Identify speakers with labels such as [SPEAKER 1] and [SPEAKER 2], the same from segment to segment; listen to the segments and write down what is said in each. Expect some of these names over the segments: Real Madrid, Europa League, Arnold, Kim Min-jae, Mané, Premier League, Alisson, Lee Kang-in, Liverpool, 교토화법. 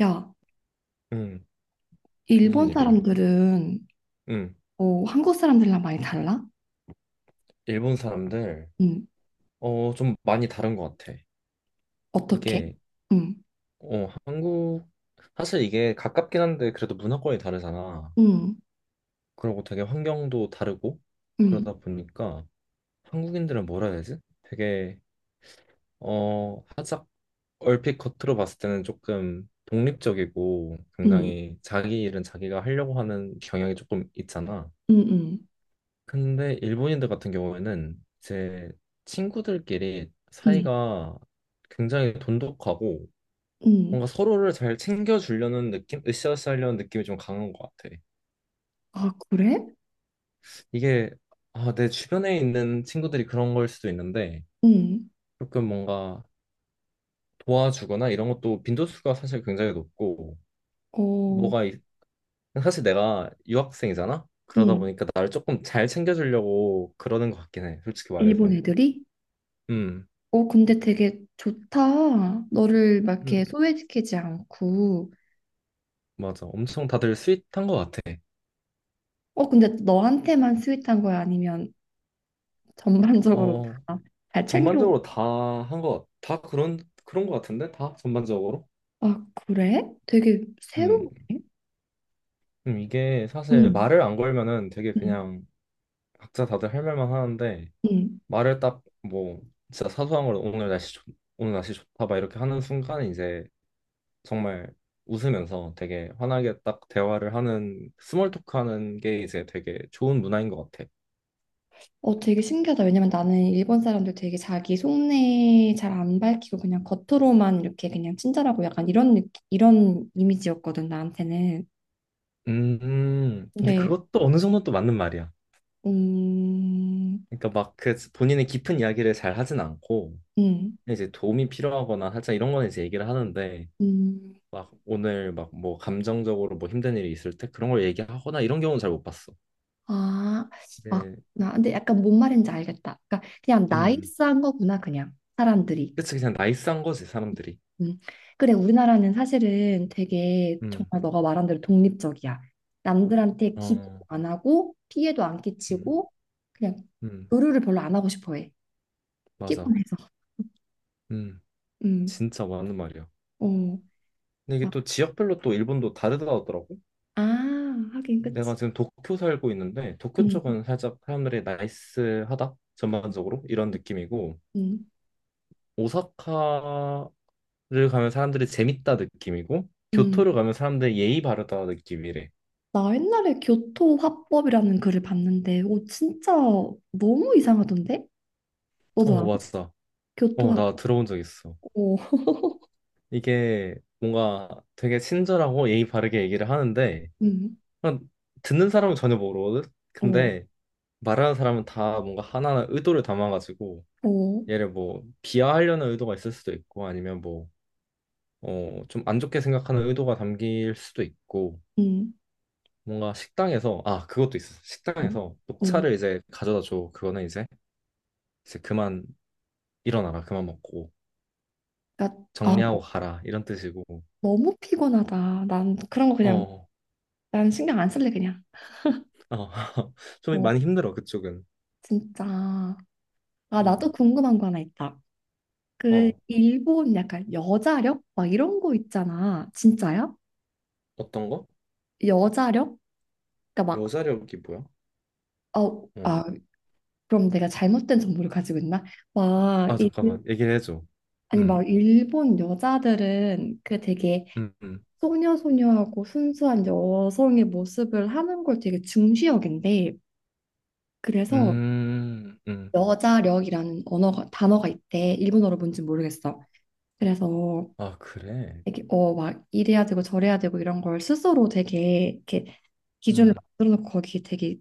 [SPEAKER 1] 야,
[SPEAKER 2] 응, 무슨
[SPEAKER 1] 일본
[SPEAKER 2] 일이야?
[SPEAKER 1] 사람들은
[SPEAKER 2] 응,
[SPEAKER 1] 한국 사람들이랑 많이 달라?
[SPEAKER 2] 일본 사람들,
[SPEAKER 1] 응,
[SPEAKER 2] 좀 많이 다른 것 같아.
[SPEAKER 1] 어떻게?
[SPEAKER 2] 이게,
[SPEAKER 1] 응,
[SPEAKER 2] 한국, 사실 이게 가깝긴 한데, 그래도 문화권이 다르잖아.
[SPEAKER 1] 응,
[SPEAKER 2] 그리고 되게 환경도 다르고,
[SPEAKER 1] 응,
[SPEAKER 2] 그러다 보니까 한국인들은 뭐라 해야 되지? 되게, 살짝 얼핏 겉으로 봤을 때는 조금 독립적이고,
[SPEAKER 1] 응,
[SPEAKER 2] 굉장히 자기 일은 자기가 하려고 하는 경향이 조금 있잖아.
[SPEAKER 1] 응, 응,
[SPEAKER 2] 근데 일본인들 같은 경우에는 이제 친구들끼리
[SPEAKER 1] 응,
[SPEAKER 2] 사이가 굉장히 돈독하고
[SPEAKER 1] 응.
[SPEAKER 2] 뭔가
[SPEAKER 1] 응.
[SPEAKER 2] 서로를 잘 챙겨주려는 느낌, 으쌰으쌰하려는 느낌이 좀 강한 것 같아.
[SPEAKER 1] 아, 그래?
[SPEAKER 2] 이게 아, 내 주변에 있는 친구들이 그런 걸 수도 있는데
[SPEAKER 1] 응,
[SPEAKER 2] 조금 뭔가 도와주거나 이런 것도 빈도수가 사실 굉장히 높고
[SPEAKER 1] 어,
[SPEAKER 2] 뭐가 있- 사실 내가 유학생이잖아? 그러다
[SPEAKER 1] 응.
[SPEAKER 2] 보니까 나를 조금 잘 챙겨주려고 그러는 것 같긴 해, 솔직히
[SPEAKER 1] 일본
[SPEAKER 2] 말해서.
[SPEAKER 1] 애들이?
[SPEAKER 2] 음.
[SPEAKER 1] 근데 되게 좋다. 너를 막
[SPEAKER 2] 음,
[SPEAKER 1] 이렇게 소외시키지 않고.
[SPEAKER 2] 맞아. 엄청 다들 스윗한 것 같아.
[SPEAKER 1] 근데 너한테만 스윗한 거야? 아니면 전반적으로
[SPEAKER 2] 어,
[SPEAKER 1] 다 잘 챙겨?
[SPEAKER 2] 전반적으로 다 한 것, 다 그런, 그런 것 같은데? 다? 전반적으로?
[SPEAKER 1] 아, 그래? 되게
[SPEAKER 2] 음,
[SPEAKER 1] 새로운데?
[SPEAKER 2] 이게 사실
[SPEAKER 1] 응,
[SPEAKER 2] 말을 안 걸면은 되게
[SPEAKER 1] 응,
[SPEAKER 2] 그냥 각자 다들 할 말만 하는데,
[SPEAKER 1] 응.
[SPEAKER 2] 말을 딱 뭐, 진짜 사소한 걸 오늘 날씨 좋, 오늘 날씨 좋다, 막 이렇게 하는 순간에 이제 정말 웃으면서 되게 환하게 딱 대화를 하는, 스몰 토크 하는 게 이제 되게 좋은 문화인 것 같아.
[SPEAKER 1] 되게 신기하다. 왜냐면 나는 일본 사람들 되게 자기 속내 잘 안 밝히고 그냥 겉으로만 이렇게 그냥 친절하고 약간 이런 느낌, 이런 이미지였거든, 나한테는.
[SPEAKER 2] 근데
[SPEAKER 1] 근데,
[SPEAKER 2] 그것도 어느 정도 또 맞는 말이야.
[SPEAKER 1] 음,
[SPEAKER 2] 그러니까 막 그 본인의 깊은 이야기를 잘 하진 않고
[SPEAKER 1] 음,
[SPEAKER 2] 이제 도움이 필요하거나 살짝 이런 거는 이제 얘기를 하는데
[SPEAKER 1] 음,
[SPEAKER 2] 막 오늘 막 뭐 감정적으로 뭐 힘든 일이 있을 때 그런 걸 얘기하거나 이런 경우는 잘 못 봤어.
[SPEAKER 1] 아, 아,
[SPEAKER 2] 네,
[SPEAKER 1] 나 근데 약간 뭔 말인지 알겠다. 그러니까 그냥
[SPEAKER 2] 음,
[SPEAKER 1] 나이스한 거구나, 그냥 사람들이.
[SPEAKER 2] 그치 그냥 나이스한 거지 사람들이.
[SPEAKER 1] 음. 그래, 우리나라는 사실은 되게
[SPEAKER 2] 음,
[SPEAKER 1] 정말 너가 말한 대로 독립적이야. 남들한테 기대도
[SPEAKER 2] 어,
[SPEAKER 1] 안 하고 피해도 안
[SPEAKER 2] 음,
[SPEAKER 1] 끼치고 그냥
[SPEAKER 2] 음,
[SPEAKER 1] 의료를 별로 안 하고 싶어 해.
[SPEAKER 2] 맞아.
[SPEAKER 1] 피곤해서.
[SPEAKER 2] 음,
[SPEAKER 1] 음.
[SPEAKER 2] 진짜 맞는 말이야.
[SPEAKER 1] 어.
[SPEAKER 2] 근데 이게
[SPEAKER 1] 막,
[SPEAKER 2] 또 지역별로 또 일본도 다르다고 하더라고.
[SPEAKER 1] 아, 하긴 그치.
[SPEAKER 2] 내가 지금 도쿄 살고 있는데 도쿄
[SPEAKER 1] 음.
[SPEAKER 2] 쪽은 살짝 사람들이 나이스하다 전반적으로 이런 느낌이고.
[SPEAKER 1] 음.
[SPEAKER 2] 오사카 를 가면 사람들이 재밌다 느낌이고 교토를
[SPEAKER 1] 음.
[SPEAKER 2] 가면 사람들이 예의 바르다 느낌이래.
[SPEAKER 1] 나 옛날에 교토화법이라는 글을 봤는데 오 진짜 너무 이상하던데? 너도
[SPEAKER 2] 어
[SPEAKER 1] 알아?
[SPEAKER 2] 맞아. 어
[SPEAKER 1] 교토화법.
[SPEAKER 2] 나 들어본 적 있어.
[SPEAKER 1] 어.
[SPEAKER 2] 이게 뭔가 되게 친절하고 예의 바르게 얘기를 하는데
[SPEAKER 1] 음.
[SPEAKER 2] 그냥 듣는 사람은 전혀 모르거든.
[SPEAKER 1] 어.
[SPEAKER 2] 근데 말하는 사람은 다 뭔가 하나하나 의도를 담아가지고
[SPEAKER 1] 어.
[SPEAKER 2] 얘를 뭐 비하하려는 의도가 있을 수도 있고 아니면 뭐 좀 안 좋게 생각하는 의도가 담길 수도 있고
[SPEAKER 1] 음.
[SPEAKER 2] 뭔가 식당에서 아 그것도 있어. 식당에서
[SPEAKER 1] 어.
[SPEAKER 2] 녹차를 이제 가져다 줘. 그거는 이제 이제 그만 일어나라 그만 먹고
[SPEAKER 1] 그러니까 아,
[SPEAKER 2] 정리하고 가라 이런 뜻이고
[SPEAKER 1] 너무 피곤하다. 난 그런 거
[SPEAKER 2] 어,
[SPEAKER 1] 그냥
[SPEAKER 2] 어.
[SPEAKER 1] 난 신경 안 쓸래 그냥.
[SPEAKER 2] 좀
[SPEAKER 1] 어,
[SPEAKER 2] 많이 힘들어 그쪽은
[SPEAKER 1] 진짜. 아, 나도
[SPEAKER 2] 음.
[SPEAKER 1] 궁금한 거 하나 있다. 그
[SPEAKER 2] 어
[SPEAKER 1] 일본 약간 여자력 막 이런 거 있잖아. 진짜야?
[SPEAKER 2] 어떤 거?
[SPEAKER 1] 여자력? 그러니까 막
[SPEAKER 2] 여자력이 뭐야?
[SPEAKER 1] 어,
[SPEAKER 2] 어.
[SPEAKER 1] 아, 그럼 내가 잘못된 정보를 가지고 있나? 막
[SPEAKER 2] 아
[SPEAKER 1] 일,
[SPEAKER 2] 잠깐만 얘기를 해줘
[SPEAKER 1] 아니
[SPEAKER 2] 음.
[SPEAKER 1] 막 일본 여자들은 그 되게
[SPEAKER 2] 음. 음.
[SPEAKER 1] 소녀소녀하고 순수한 여성의 모습을 하는 걸 되게 중시 여긴대. 그래서
[SPEAKER 2] 음. 음.
[SPEAKER 1] 여자력이라는 언어가 단어가 있대. 일본어로 뭔지 모르겠어. 그래서
[SPEAKER 2] 아 그래
[SPEAKER 1] 되게 어막 이래야 되고 저래야 되고 이런 걸 스스로 되게 이렇게 기준을
[SPEAKER 2] 음.
[SPEAKER 1] 만들어 놓고 거기 되게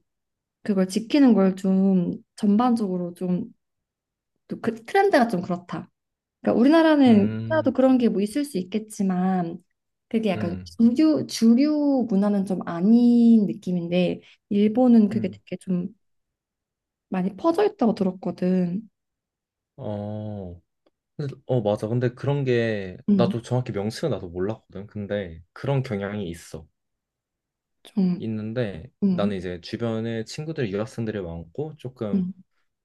[SPEAKER 1] 그걸 지키는 걸 좀 전반적으로 좀 또 그 트렌드가 좀 그렇다. 그러니까 우리나라는 나도
[SPEAKER 2] 음.
[SPEAKER 1] 그런 게 뭐 있을 수 있겠지만 그게 약간
[SPEAKER 2] 음.
[SPEAKER 1] 주류 문화는 좀 아닌 느낌인데 일본은 그게
[SPEAKER 2] 음.
[SPEAKER 1] 되게 좀 많이 퍼져 있다고 들었거든.
[SPEAKER 2] 어. 어 맞아 근데 그런 게
[SPEAKER 1] 음,
[SPEAKER 2] 나도 정확히 명칭은 나도 몰랐거든 근데 그런 경향이 있어
[SPEAKER 1] 좀
[SPEAKER 2] 있는데
[SPEAKER 1] 음,
[SPEAKER 2] 나는 이제 주변에 친구들 유학생들이 많고 조금
[SPEAKER 1] 음,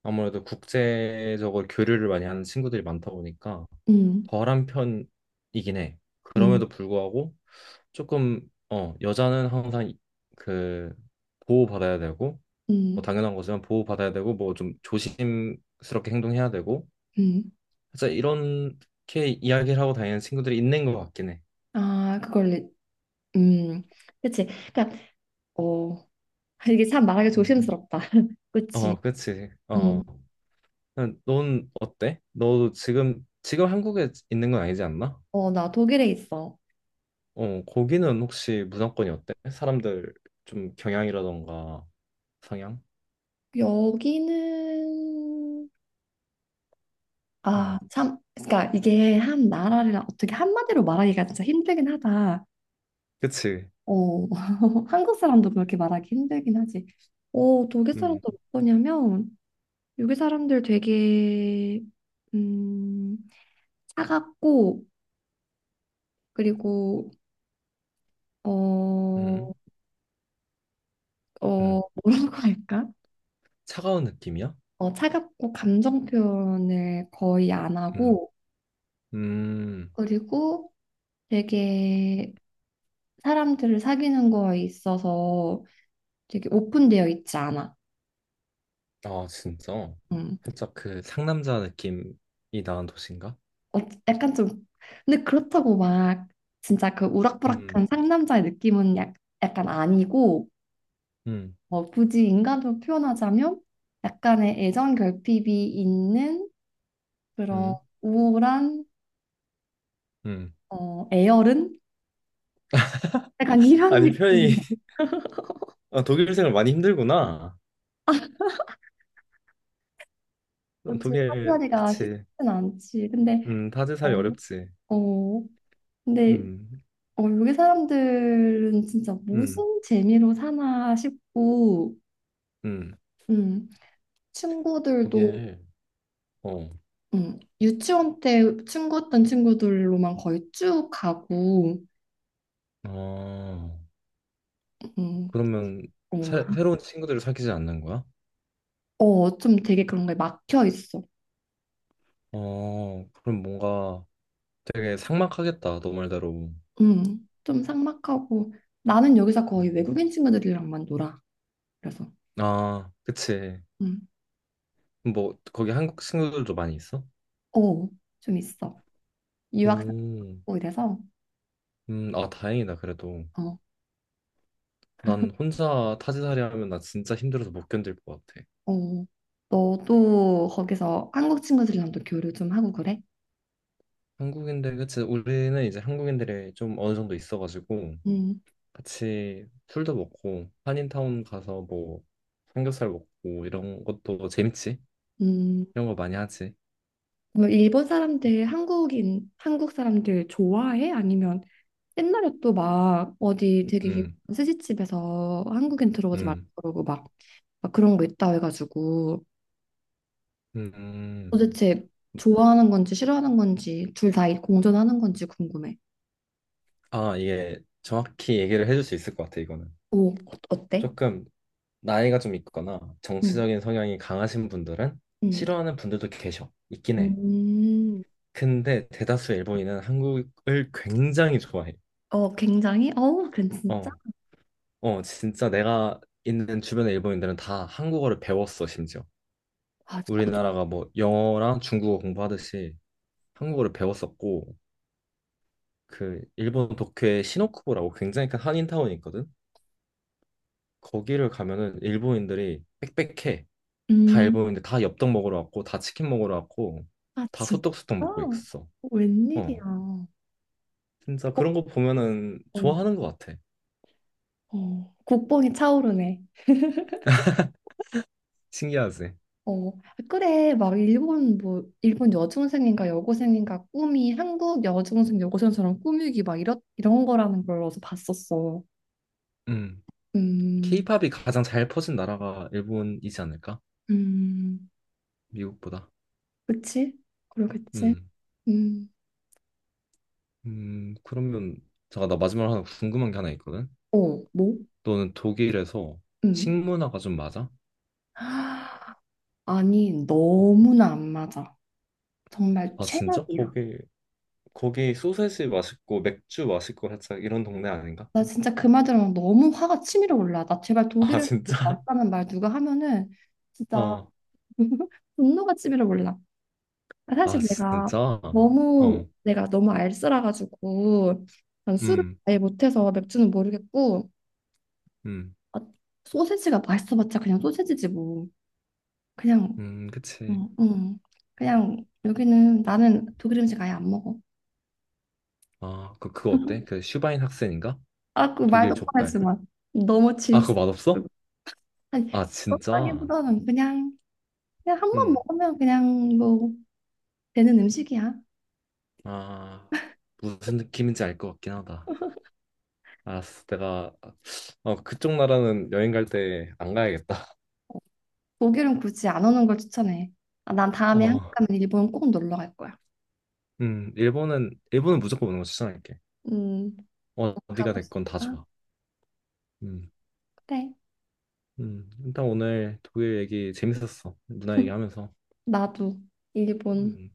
[SPEAKER 2] 아무래도 국제적으로 교류를 많이 하는 친구들이 많다 보니까
[SPEAKER 1] 음.
[SPEAKER 2] 덜한 편이긴 해.
[SPEAKER 1] 음,
[SPEAKER 2] 그럼에도 불구하고 조금 여자는 항상 그 보호받아야 되고 뭐
[SPEAKER 1] 음,
[SPEAKER 2] 당연한 거지만 보호받아야 되고 뭐 좀 조심스럽게 행동해야 되고
[SPEAKER 1] 음.
[SPEAKER 2] 진짜 이렇게 이야기를 하고 다니는 친구들이 있는 것 같긴 해.
[SPEAKER 1] 아, 그걸, 리- 음, 그치. 그니까, 어, 이게 참 말하기
[SPEAKER 2] 음.
[SPEAKER 1] 조심스럽다. 그치.
[SPEAKER 2] 어, 그치. 어,
[SPEAKER 1] 음,
[SPEAKER 2] 넌 어때? 너 지금 한국에 있는 건 아니지 않나?
[SPEAKER 1] 어, 나 독일에 있어.
[SPEAKER 2] 어, 거기는 혹시 문화권이 어때? 사람들 좀 경향이라던가 성향?
[SPEAKER 1] 여기는,
[SPEAKER 2] 음.
[SPEAKER 1] 아, 참, 그니까 이게 한 나라를 어떻게 한마디로 말하기가 진짜 힘들긴 하다.
[SPEAKER 2] 그치?
[SPEAKER 1] 어, 한국 사람도 그렇게 말하기 힘들긴 하지. 어, 독일 사람도
[SPEAKER 2] 음.
[SPEAKER 1] 어떠냐면, 여기 사람들 되게, 음, 차갑고, 그리고 어, 어,
[SPEAKER 2] 음. 음.
[SPEAKER 1] 뭐라고 할까?
[SPEAKER 2] 차가운 느낌이야?
[SPEAKER 1] 어, 차갑고 감정 표현을 거의 안
[SPEAKER 2] 음.
[SPEAKER 1] 하고,
[SPEAKER 2] 음.
[SPEAKER 1] 그리고 되게 사람들을 사귀는 거에 있어서 되게 오픈되어 있지 않아.
[SPEAKER 2] 아, 진짜?
[SPEAKER 1] 음.
[SPEAKER 2] 살짝 그 상남자 느낌이 나는 도시인가?
[SPEAKER 1] 어, 약간 좀, 근데 그렇다고 막 진짜 그
[SPEAKER 2] 음.
[SPEAKER 1] 우락부락한 상남자의 느낌은 약간 아니고,
[SPEAKER 2] 음.
[SPEAKER 1] 어, 굳이 인간으로 표현하자면 약간의 애정 결핍이 있는 그런
[SPEAKER 2] 음.
[SPEAKER 1] 우울한
[SPEAKER 2] 음.
[SPEAKER 1] 어, 애열은 약간 이런
[SPEAKER 2] 아니, 편히
[SPEAKER 1] 느낌.
[SPEAKER 2] 아, 독일 생활 많이 힘들구나. 어,
[SPEAKER 1] 어찌
[SPEAKER 2] 독일
[SPEAKER 1] 사투리가 쉽진
[SPEAKER 2] 그치?
[SPEAKER 1] 않지. 근데
[SPEAKER 2] 다들 살이
[SPEAKER 1] 어,
[SPEAKER 2] 어렵지.
[SPEAKER 1] 어, 근데
[SPEAKER 2] 음.
[SPEAKER 1] 어, 여기 사람들은 진짜
[SPEAKER 2] 음.
[SPEAKER 1] 무슨 재미로 사나 싶고,
[SPEAKER 2] 음.
[SPEAKER 1] 음, 친구들도
[SPEAKER 2] 독일. 어.
[SPEAKER 1] 유치원 때 친구였던 친구들로만 거의 쭉 가고,
[SPEAKER 2] 아.
[SPEAKER 1] 음,
[SPEAKER 2] 그러면
[SPEAKER 1] 어,
[SPEAKER 2] 새로운 친구들을 사귀지 않는 거야?
[SPEAKER 1] 어, 좀 되게 그런 거에 막혀 있어.
[SPEAKER 2] 어, 그럼 뭔가 되게 삭막하겠다, 너 말대로.
[SPEAKER 1] 좀 삭막하고 나는 여기서
[SPEAKER 2] 음.
[SPEAKER 1] 거의 외국인 친구들이랑만 놀아. 그래서
[SPEAKER 2] 아, 그치.
[SPEAKER 1] 음,
[SPEAKER 2] 뭐, 거기 한국 친구들도 많이 있어?
[SPEAKER 1] 어, 좀 있어. 유학
[SPEAKER 2] 오,
[SPEAKER 1] 뭐 이래서
[SPEAKER 2] 아, 다행이다, 그래도.
[SPEAKER 1] 어,
[SPEAKER 2] 난 혼자 타지살이 하면 나 진짜 힘들어서 못 견딜 것 같아.
[SPEAKER 1] 어, 너도 거기서 한국 친구들이랑도 교류 좀 하고 그래?
[SPEAKER 2] 한국인들, 그치. 우리는 이제 한국인들이 좀 어느 정도 있어가지고,
[SPEAKER 1] 음,
[SPEAKER 2] 같이 술도 먹고, 한인타운 가서 뭐, 삼겹살 먹고, 이런 것도 재밌지?
[SPEAKER 1] 음,
[SPEAKER 2] 이런 거 많이 하지.
[SPEAKER 1] 그럼 일본 사람들 한국인 한국 사람들 좋아해? 아니면 옛날에 또 막 어디 되게 유명한
[SPEAKER 2] 음.
[SPEAKER 1] 스시집에서 한국인 들어오지 말라고
[SPEAKER 2] 음,
[SPEAKER 1] 그러고 막, 막 그런 거 있다 해가지고
[SPEAKER 2] 음,
[SPEAKER 1] 도대체 좋아하는 건지 싫어하는 건지 둘 다 공존하는 건지 궁금해.
[SPEAKER 2] 아, 이게 정확히 얘기를 해줄 수 있을 것 같아, 이거는.
[SPEAKER 1] 오, 어때?
[SPEAKER 2] 조금 나이가 좀 있거나
[SPEAKER 1] 음,
[SPEAKER 2] 정치적인 성향이 강하신 분들은
[SPEAKER 1] 음,
[SPEAKER 2] 싫어하는 분들도 계셔. 있긴 해.
[SPEAKER 1] 음,
[SPEAKER 2] 근데 대다수 일본인은 한국을 굉장히 좋아해.
[SPEAKER 1] 어, 굉장히, 어, 그 진짜.
[SPEAKER 2] 어, 어, 진짜 내가 있는 주변의 일본인들은 다 한국어를 배웠어, 심지어.
[SPEAKER 1] 아,
[SPEAKER 2] 우리나라가 뭐 영어랑 중국어 공부하듯이 한국어를 배웠었고, 그 일본 도쿄에 시노쿠보라고 굉장히 큰 한인타운이 있거든. 거기를 가면은 일본인들이 빽빽해. 다
[SPEAKER 1] 음,
[SPEAKER 2] 일본인데 다 엽떡 먹으러 왔고 다 치킨 먹으러 왔고
[SPEAKER 1] 아,
[SPEAKER 2] 다
[SPEAKER 1] 진짜?
[SPEAKER 2] 소떡소떡 먹고 있어.
[SPEAKER 1] 웬일이야.
[SPEAKER 2] 어. 진짜
[SPEAKER 1] 국뽕
[SPEAKER 2] 그런 거 보면은 좋아하는 것 같아.
[SPEAKER 1] 어. 국뽕이 차오르네.
[SPEAKER 2] 신기하지?
[SPEAKER 1] 어, 아, 그래, 막 일본 뭐 일본 여중생인가 여고생인가 꿈이 한국 여중생 여고생처럼 꾸미기 막 이런 거라는 걸 어디서 봤었어.
[SPEAKER 2] 음.
[SPEAKER 1] 음,
[SPEAKER 2] 케이팝이 가장 잘 퍼진 나라가 일본이지 않을까?
[SPEAKER 1] 음,
[SPEAKER 2] 미국보다.
[SPEAKER 1] 그치? 그러겠지?
[SPEAKER 2] 음.
[SPEAKER 1] 음,
[SPEAKER 2] 그러면 잠깐 나 마지막으로 하나 궁금한 게 하나 있거든.
[SPEAKER 1] 어, 뭐?
[SPEAKER 2] 너는 독일에서
[SPEAKER 1] 음,
[SPEAKER 2] 식문화가 좀 맞아?
[SPEAKER 1] 아니 너무나 안 맞아. 정말
[SPEAKER 2] 아, 진짜?
[SPEAKER 1] 최악이야.
[SPEAKER 2] 거기 소세지 맛있고 맥주 맛있고 살짝 이런 동네 아닌가?
[SPEAKER 1] 나 진짜 그 말 들으면 너무 화가 치밀어 올라. 나 제발
[SPEAKER 2] 아,
[SPEAKER 1] 독일을
[SPEAKER 2] 진짜?
[SPEAKER 1] 있 다는 말 누가 하면은 진짜
[SPEAKER 2] 어.
[SPEAKER 1] 분노가 치밀어 올라. 아,
[SPEAKER 2] 아,
[SPEAKER 1] 사실 내가
[SPEAKER 2] 진짜?
[SPEAKER 1] 너무
[SPEAKER 2] 어.
[SPEAKER 1] 내가 너무 알쓰라가지고 난 술을
[SPEAKER 2] 음,
[SPEAKER 1] 아예 못해서 맥주는 모르겠고
[SPEAKER 2] 음,
[SPEAKER 1] 아, 소세지가 맛있어봤자 그냥 소세지지 뭐. 그냥
[SPEAKER 2] 그치.
[SPEAKER 1] 응, 응. 그냥 여기는 나는 독일 음식 아예 안 먹어.
[SPEAKER 2] 아, 그거 어때? 그 슈바인 학생인가?
[SPEAKER 1] 아, 그 말도
[SPEAKER 2] 독일 족발.
[SPEAKER 1] 뻔했지만 너무
[SPEAKER 2] 아, 그거
[SPEAKER 1] 질색.
[SPEAKER 2] 맛없어?
[SPEAKER 1] 아니
[SPEAKER 2] 아, 진짜?
[SPEAKER 1] 그렇다기보다는 그냥. 그냥 한 번
[SPEAKER 2] 음.
[SPEAKER 1] 먹으면 그냥 뭐 되는 음식이야.
[SPEAKER 2] 아, 무슨 느낌인지 알 것 같긴 하다. 알았어. 내가, 그쪽 나라는 여행 갈 때 안 가야겠다.
[SPEAKER 1] 독일은 굳이 안 오는 걸 추천해. 아, 난 다음에 한국
[SPEAKER 2] 어,
[SPEAKER 1] 가면 일본 꼭 놀러 갈 거야.
[SPEAKER 2] 일본은 무조건 오는 거 추천할게.
[SPEAKER 1] 음,
[SPEAKER 2] 어,
[SPEAKER 1] 너
[SPEAKER 2] 어디가
[SPEAKER 1] 가고
[SPEAKER 2] 됐건 다
[SPEAKER 1] 싶다.
[SPEAKER 2] 좋아. 음,
[SPEAKER 1] 그래.
[SPEAKER 2] 일단 오늘 독일 얘기 재밌었어. 누나 얘기하면서.
[SPEAKER 1] 나도 일본.
[SPEAKER 2] 음.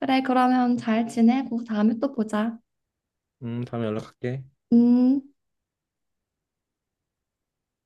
[SPEAKER 1] 그래, 그러면 잘 지내고 다음에 또 보자.
[SPEAKER 2] 다음에 연락할게.
[SPEAKER 1] 음.